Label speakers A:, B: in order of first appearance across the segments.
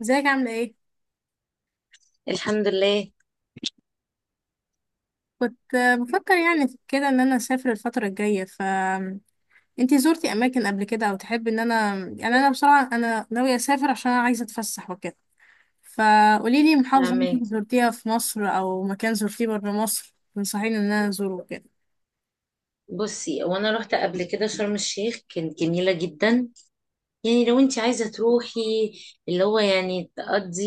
A: ازيك عاملة ايه؟
B: الحمد لله.
A: كنت بفكر يعني في كده ان انا اسافر الفترة الجاية ف انتي زرتي اماكن قبل كده او تحبي ان انا بصراحة انا ناوية اسافر عشان انا عايزة اتفسح وكده. فقولي لي محافظة
B: فهمك.
A: ممكن زرتيها في مصر او مكان زرتيه بره مصر تنصحيني ان انا ازوره كده.
B: بصي، وانا رحت قبل كده شرم الشيخ كانت جميله جدا. يعني لو انت عايزه تروحي، اللي هو يعني تقضي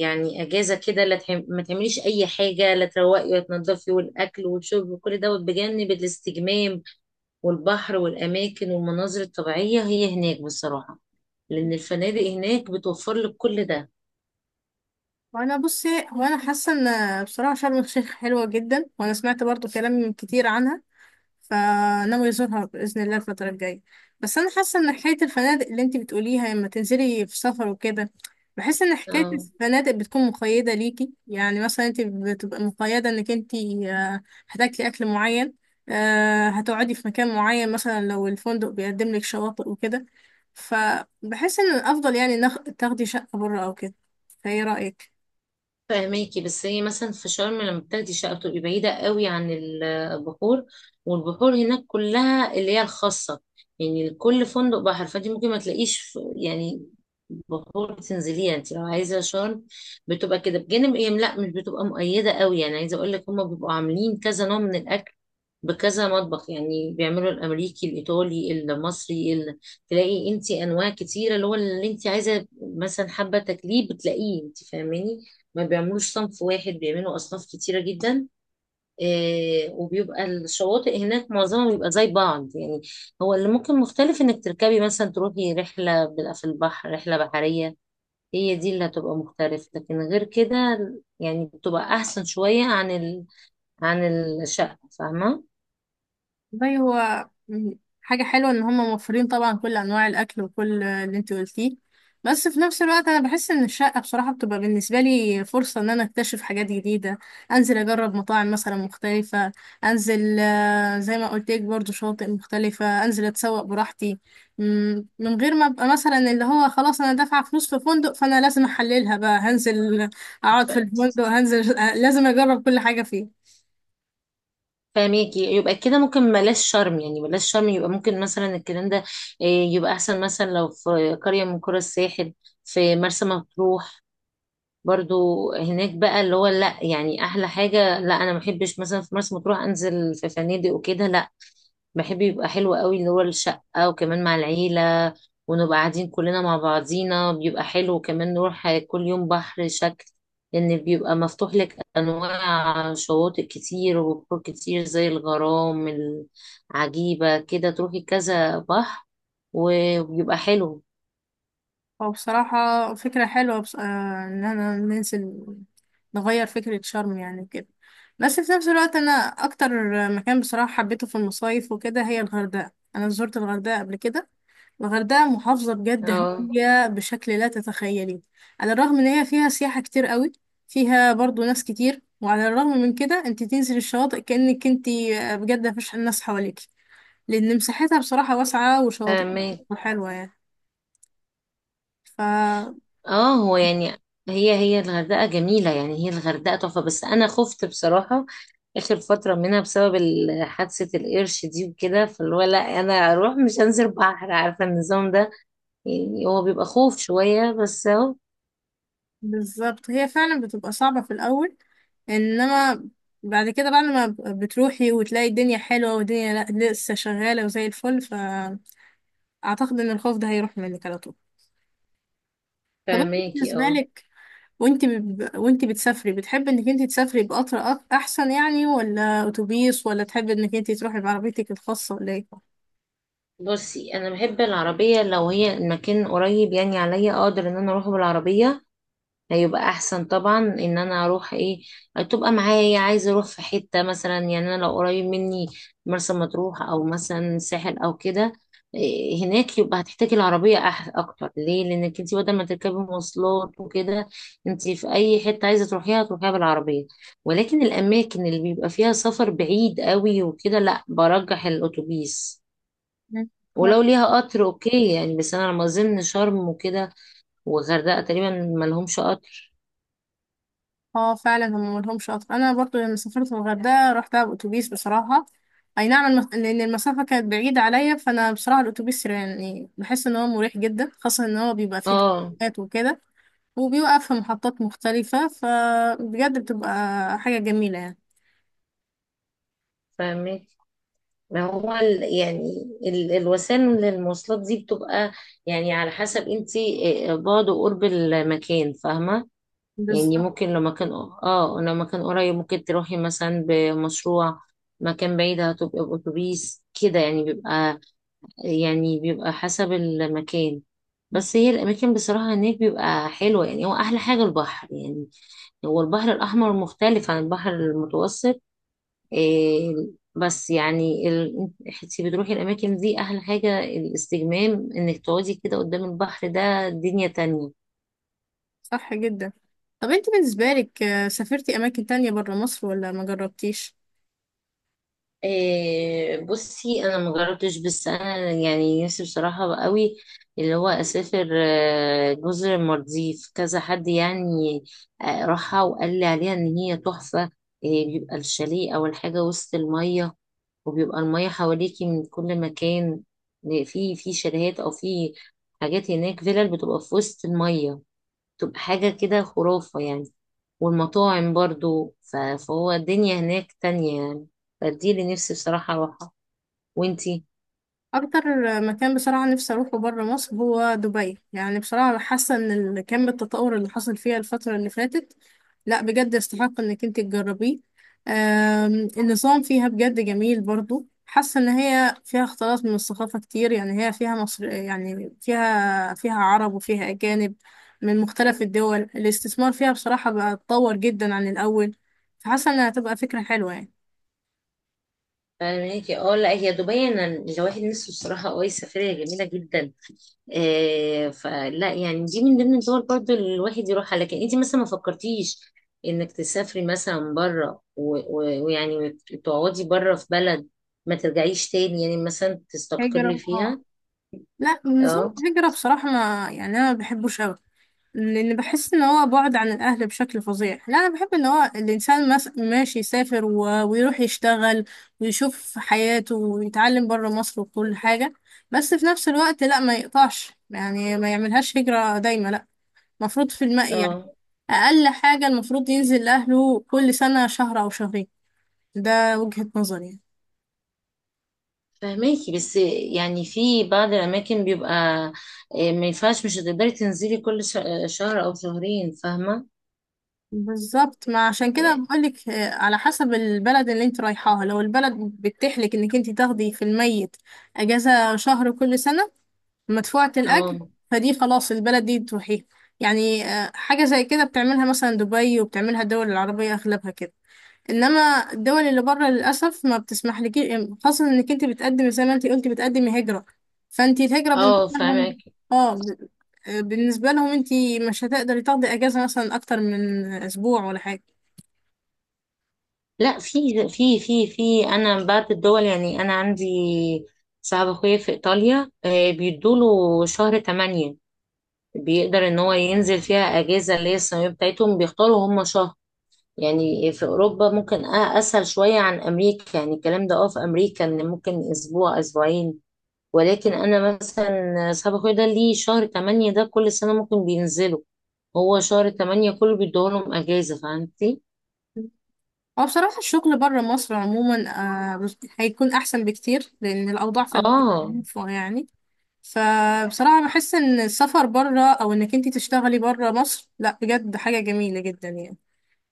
B: يعني اجازه كده، لا ما تعمليش اي حاجه، لا تروقي ولا تنضفي، والاكل والشرب وكل دوت بجانب الاستجمام والبحر والاماكن والمناظر الطبيعيه هي هناك بصراحه، لان الفنادق هناك بتوفر لك كل
A: وانا حاسة ان بصراحة شرم الشيخ حلوة جدا، وانا سمعت برضو كلام كتير عنها، فناوي أزورها بإذن الله الفترة الجاية. بس أنا حاسة إن حكاية الفنادق اللي أنتي بتقوليها لما تنزلي في سفر وكده، بحس إن
B: ده.
A: حكاية الفنادق بتكون مقيدة ليكي، يعني مثلا أنتي بتبقى مقيدة إنك أنتي هتاكلي أكل معين، هتقعدي في مكان معين مثلا لو الفندق بيقدم لك شواطئ وكده. فبحس إن الأفضل يعني تاخدي شقة بره أو كده. فإيه رأيك؟
B: فاهماكي، بس هي مثلا في شرم لما بتاخدي شقة بتبقي بعيدة قوي عن البحور، والبحور هناك كلها اللي هي الخاصة، يعني كل فندق بحر، فانت ممكن ما تلاقيش يعني بحور تنزليها انت لو عايزة شرم. بتبقى كده بجانب ايه، لا مش بتبقى مؤيدة قوي، يعني عايزة اقول لك هما بيبقوا عاملين كذا نوع من الاكل، بكذا مطبخ، يعني بيعملوا الامريكي الايطالي المصري تلاقي انت انواع كتيره، اللي هو اللي انت عايزه مثلا حابه تاكليه بتلاقيه، انت فاهماني، ما بيعملوش صنف واحد، بيعملوا أصناف كتيرة جدا. وبيبقى الشواطئ هناك معظمها بيبقى زي بعض، يعني هو اللي ممكن مختلف إنك تركبي مثلا تروحي رحلة، بيبقى في البحر رحلة بحرية، هي دي اللي هتبقى مختلفة، لكن غير كده يعني بتبقى أحسن شوية عن عن الشقة، فاهمة.
A: والله حاجة حلوة إن هم موفرين طبعا كل أنواع الأكل وكل اللي أنت قلتيه، بس في نفس الوقت أنا بحس إن الشقة بصراحة بتبقى بالنسبة لي فرصة إن أنا أكتشف حاجات جديدة، أنزل أجرب مطاعم مثلا مختلفة، أنزل زي ما قلت لك برضو شواطئ مختلفة، أنزل أتسوق براحتي من غير ما أبقى مثلا اللي هو خلاص أنا دافعة فلوس في فندق فأنا لازم أحللها بقى، هنزل أقعد في
B: ف-
A: الفندق، هنزل لازم أجرب كل حاجة فيه.
B: فاهميكي، يبقى كده ممكن بلاش شرم، يعني بلاش شرم يبقى ممكن مثلا الكلام ده. يبقى أحسن مثلا لو في قرية من قرى الساحل، في مرسى مطروح برضو هناك بقى، اللي هو لا، يعني احلى حاجه، لا انا ما بحبش مثلا في مرسى مطروح انزل في فنادق وكده، لا، بحب يبقى حلو قوي اللي هو الشقه، وكمان مع العيله، ونبقى قاعدين كلنا مع بعضينا بيبقى حلو، وكمان نروح كل يوم بحر شكل، لان بيبقى مفتوح لك انواع شواطئ كتير وبحور كتير زي الغرام العجيبه كده، تروحي كذا بحر وبيبقى حلو.
A: هو بصراحة فكرة حلوة بص... آه إن أنا ننزل نغير فكرة شرم يعني كده. بس في نفس الوقت أنا أكتر مكان بصراحة حبيته في المصايف وكده هي الغردقة. أنا زرت الغردقة قبل كده. الغردقة محافظة بجد
B: اه،
A: هادية بشكل لا تتخيليه، على الرغم إن هي فيها سياحة كتير قوي، فيها برضو ناس كتير، وعلى الرغم من كده أنت تنزل الشواطئ كأنك أنت بجد مفيش ناس حواليك، لأن مساحتها بصراحة واسعة وشواطئ
B: فاهمك.
A: حلوة يعني. ف
B: اه، هو يعني هي الغردقة جميلة، يعني هي الغردقة تحفة، بس أنا خفت بصراحة آخر فترة منها بسبب حادثة القرش دي وكده، فاللي هو لا، أنا أروح مش هنزل بحر، عارفة النظام ده، يعني هو بيبقى خوف شوية، بس أهو.
A: بالظبط هي فعلا بتبقى صعبة في الأول، إنما بعد كده، بعد ما بتروحي وتلاقي الدنيا حلوة والدنيا لسه شغالة وزي الفل، فأعتقد إن الخوف ده هيروح منك على طول. طب أنت
B: فهماكي.
A: بالنسبة
B: اه،
A: لك، وأنت بتسافري بتحبي إنك أنت تسافري بقطر أحسن يعني، ولا أتوبيس، ولا تحبي إنك أنت تروحي بعربيتك الخاصة، ولا إيه؟
B: بصي، أنا بحب العربية لو هي المكان قريب يعني عليا، أقدر إن أنا أروح بالعربية، هيبقى احسن طبعا ان انا اروح ايه، تبقى معايا، عايزه اروح في حته مثلا، يعني انا لو قريب مني مرسى مطروح او مثلا ساحل او كده. إيه، هناك يبقى هتحتاجي العربيه اكتر، ليه؟ لانك انت بدل ما تركبي مواصلات وكده، انت في اي حته عايزه تروحيها تروحيها بالعربيه، ولكن الاماكن اللي بيبقى فيها سفر بعيد قوي وكده لا، برجح الاتوبيس، ولو ليها قطر اوكي يعني، بس انا على ما اظن شرم وكده والغردقه تقريبا ما لهمش قطر.
A: اه فعلا هم ملهمش اصلا. انا برضو لما سافرت الغردقه رحتها باوتوبيس بصراحه. اي نعم لان المسافه كانت بعيده عليا، فانا بصراحه الاوتوبيس يعني بحس ان هو مريح جدا، خاصه ان هو بيبقى فيه
B: اه،
A: تكات وكده، وبيوقف في محطات مختلفه، فبجد بتبقى حاجه جميله يعني.
B: فاهمك. ما هو الوسائل للمواصلات دي بتبقى يعني على حسب انت بعد وقرب المكان، فاهمة. يعني
A: بالظبط،
B: ممكن لو مكان، اه لو مكان قريب ممكن تروحي مثلا بمشروع، مكان بعيد هتبقى بأتوبيس كده، يعني بيبقى، يعني بيبقى حسب المكان. بس هي الأماكن بصراحة هناك بيبقى حلوة، يعني هو أحلى حاجة البحر، يعني هو البحر الأحمر مختلف عن البحر المتوسط. إيه، بس يعني انت بتروحي الاماكن دي احلى حاجه الاستجمام، انك تقعدي كده قدام البحر، ده دنيا تانية.
A: صح جدا. طب انت بالنسبه لك سافرتي اماكن تانية برا مصر ولا ما جربتيش؟
B: إيه، بصي انا مجربتش، بس انا يعني نفسي بصراحه بقى قوي اللي هو اسافر. جزر المالديف، كذا حد يعني راحها وقال لي عليها ان هي تحفه. إيه، بيبقى الشاليه او الحاجه وسط الميه، وبيبقى الميه حواليكي من كل مكان. في شاليهات او في حاجات هناك، فيلل بتبقى في وسط الميه، تبقى حاجة كده خرافة يعني. والمطاعم برضو، فهو الدنيا هناك تانية يعني، فدي اللي نفسي بصراحة أروحها. وانتي؟
A: اكتر مكان بصراحه نفسي اروحه بره مصر هو دبي. يعني بصراحه حاسه ان كم التطور اللي حصل فيها الفتره اللي فاتت لا بجد يستحق انك انت تجربيه. النظام فيها بجد جميل، برضو حاسه ان هي فيها اختلاط من الثقافه كتير، يعني هي فيها مصر يعني فيها عرب وفيها اجانب من مختلف الدول. الاستثمار فيها بصراحه بقى اتطور جدا عن الاول، فحاسه انها هتبقى فكره حلوه يعني.
B: فاهماكي. اه، لا هي دبي انا الواحد نفسه بصراحة، اه هي سفرية جميلة جدا. آه، فلا يعني دي من ضمن الدول برضو اللي الواحد يروحها، لكن انتي مثلا ما فكرتيش انك تسافري مثلا بره ويعني تقعدي بره في بلد، ما ترجعيش تاني، يعني مثلا تستقري
A: هجرة؟ اه
B: فيها.
A: لا نظام
B: اه.
A: الهجرة بصراحة ما يعني أنا ما بحبوش أوي، لأن بحس إن هو بعد عن الأهل بشكل فظيع. لا أنا بحب إن هو الإنسان ماشي يسافر ويروح يشتغل ويشوف حياته ويتعلم برا مصر وكل حاجة، بس في نفس الوقت لا ما يقطعش، يعني ما يعملهاش هجرة دايما لا. مفروض في الماء يعني
B: اه،
A: أقل حاجة المفروض ينزل لأهله كل سنة شهر أو شهرين. ده وجهة نظري يعني.
B: فهماكي، بس يعني في بعض الأماكن بيبقى، ما ينفعش، مش هتقدري تنزلي كل شهر أو شهرين، فاهمة
A: بالظبط، ما عشان كده
B: يعني.
A: بقولك على حسب البلد اللي انت رايحاها. لو البلد بتحلك انك انت تاخدي في الميت اجازة شهر كل سنة مدفوعة الاجر،
B: اه،
A: فدي خلاص البلد دي تروحيها، يعني حاجة زي كده بتعملها مثلا دبي وبتعملها الدول العربية اغلبها كده. انما الدول اللي بره للاسف ما بتسمح لك، خاصه انك انت بتقدمي زي ما انت قلتي بتقدمي هجره، فانت الهجره
B: اه
A: بالنسبه لهم،
B: فاهمك.
A: اه بالنسبه لهم انت مش هتقدري تاخدي اجازه مثلا اكتر من اسبوع ولا حاجه.
B: لا، في أنا بعض الدول، يعني أنا عندي صاحب أخويا في إيطاليا، بيدوله شهر 8، بيقدر إن هو ينزل فيها أجازة اللي هي السنوية بتاعتهم، بيختاروا هم شهر. يعني في أوروبا ممكن أسهل شوية عن أمريكا يعني الكلام ده، اه في أمريكا إن ممكن أسبوع أسبوعين، ولكن انا مثلا صاحب اخويا ده ليه شهر 8 ده كل سنة ممكن بينزلوا، هو شهر 8 كله بيدولهم اجازة، فهمتي؟
A: هو بصراحه الشغل بره مصر عموما هيكون احسن بكتير لان الاوضاع في البلد
B: اه،
A: عارفة يعني، فبصراحه بحس ان السفر بره او انك انت تشتغلي بره مصر لا بجد حاجه جميله جدا يعني.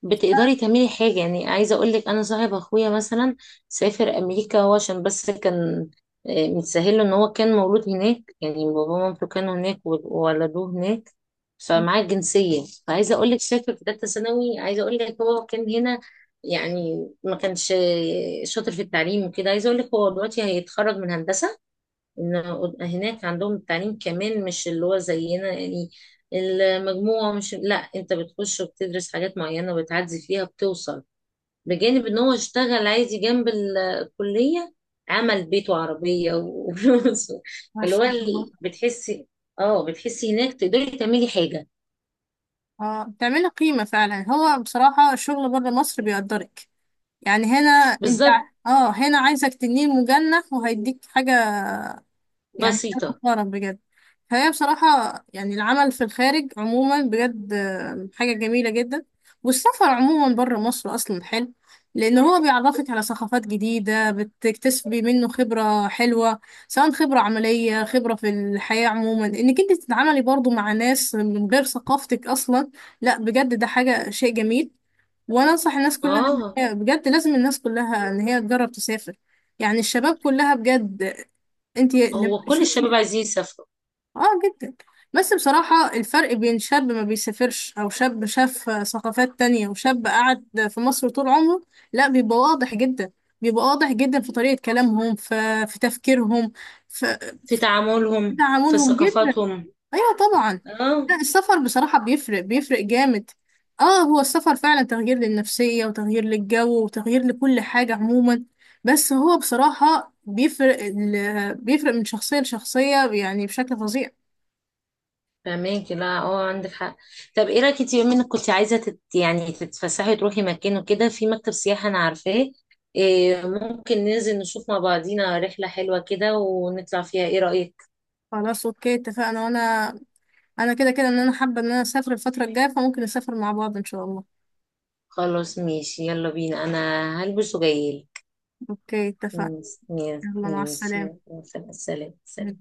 B: بتقدري تعملي حاجة، يعني عايزة أقولك أنا صاحب أخويا مثلا سافر أمريكا، هو عشان بس كان متسهل له إن هو كان مولود هناك، يعني بابا ومامته كانوا هناك وولدوه هناك، فمعاه الجنسية، فعايزة أقولك سافر في تالتة ثانوي، عايزة أقولك هو كان هنا يعني ما كانش شاطر في التعليم وكده، عايزة أقولك هو دلوقتي هيتخرج من هندسة. إن هناك عندهم التعليم كمان مش اللي هو زينا يعني، المجموعة مش، لا أنت بتخش وبتدرس حاجات معينة وبتعدي فيها بتوصل، بجانب إن هو اشتغل عادي جنب الكلية، عمل بيت وعربية وفلوس،
A: ما
B: اللي هو
A: شاء الله.
B: بتحسي، اه بتحسي هناك تقدري تعملي حاجة.
A: اه بتعملي قيمة فعلا. هو بصراحة الشغل بره مصر بيقدرك يعني، هنا انت
B: بالظبط.
A: هنا عايزك تنين مجنح وهيديك حاجة، يعني أنا
B: بسيطة.
A: فخورة بجد. فهي بصراحة يعني العمل في الخارج عموما بجد حاجة جميلة جدا، والسفر عموما بره مصر أصلا حلو، لأن هو بيعرفك على ثقافات جديدة، بتكتسبي منه خبرة حلوة، سواء خبرة عملية، خبرة في الحياة عموما، إنك أنت تتعاملي برضو مع ناس من غير ثقافتك أصلا. لا بجد ده حاجة شيء جميل. وانا انصح الناس كلها إن
B: اه،
A: بجد لازم الناس كلها ان هي تجرب تسافر، يعني الشباب كلها بجد. انت لما
B: هو كل الشباب
A: تشوفي،
B: عايزين يسافروا.
A: اه جدا. بس بصراحة الفرق بين شاب ما بيسافرش او شاب شاف ثقافات تانية، وشاب قعد في مصر طول عمره، لا بيبقى واضح جدا. بيبقى واضح جدا في طريقة كلامهم، في في تفكيرهم، في
B: في
A: في
B: تعاملهم، في
A: تعاملهم جدا.
B: ثقافاتهم.
A: ايوه طبعا.
B: اه،
A: لا السفر بصراحة بيفرق، بيفرق جامد. اه هو السفر فعلا تغيير للنفسية وتغيير للجو وتغيير لكل حاجة عموما، بس هو بصراحة بيفرق بيفرق من شخصية لشخصية يعني بشكل فظيع.
B: فهماكي. لا اه، عندك حق. طب ايه رايك انت، بما انك كنت عايزه تت يعني تتفسحي وتروحي مكان وكده، في مكتب سياحه انا عارفاه، إيه ممكن ننزل نشوف مع بعضينا رحله حلوه كده ونطلع فيها، ايه رايك؟
A: خلاص اوكي اتفقنا، وانا كده كده ان انا حابة ان انا اسافر الفترة الجاية، فممكن نسافر مع بعض ان شاء الله.
B: خلاص ماشي، يلا بينا، انا هلبس وجايلك.
A: اوكي اتفقنا.
B: ماشي.
A: يلا مع
B: ماشي،
A: السلامة.
B: يلا، سلام سلام.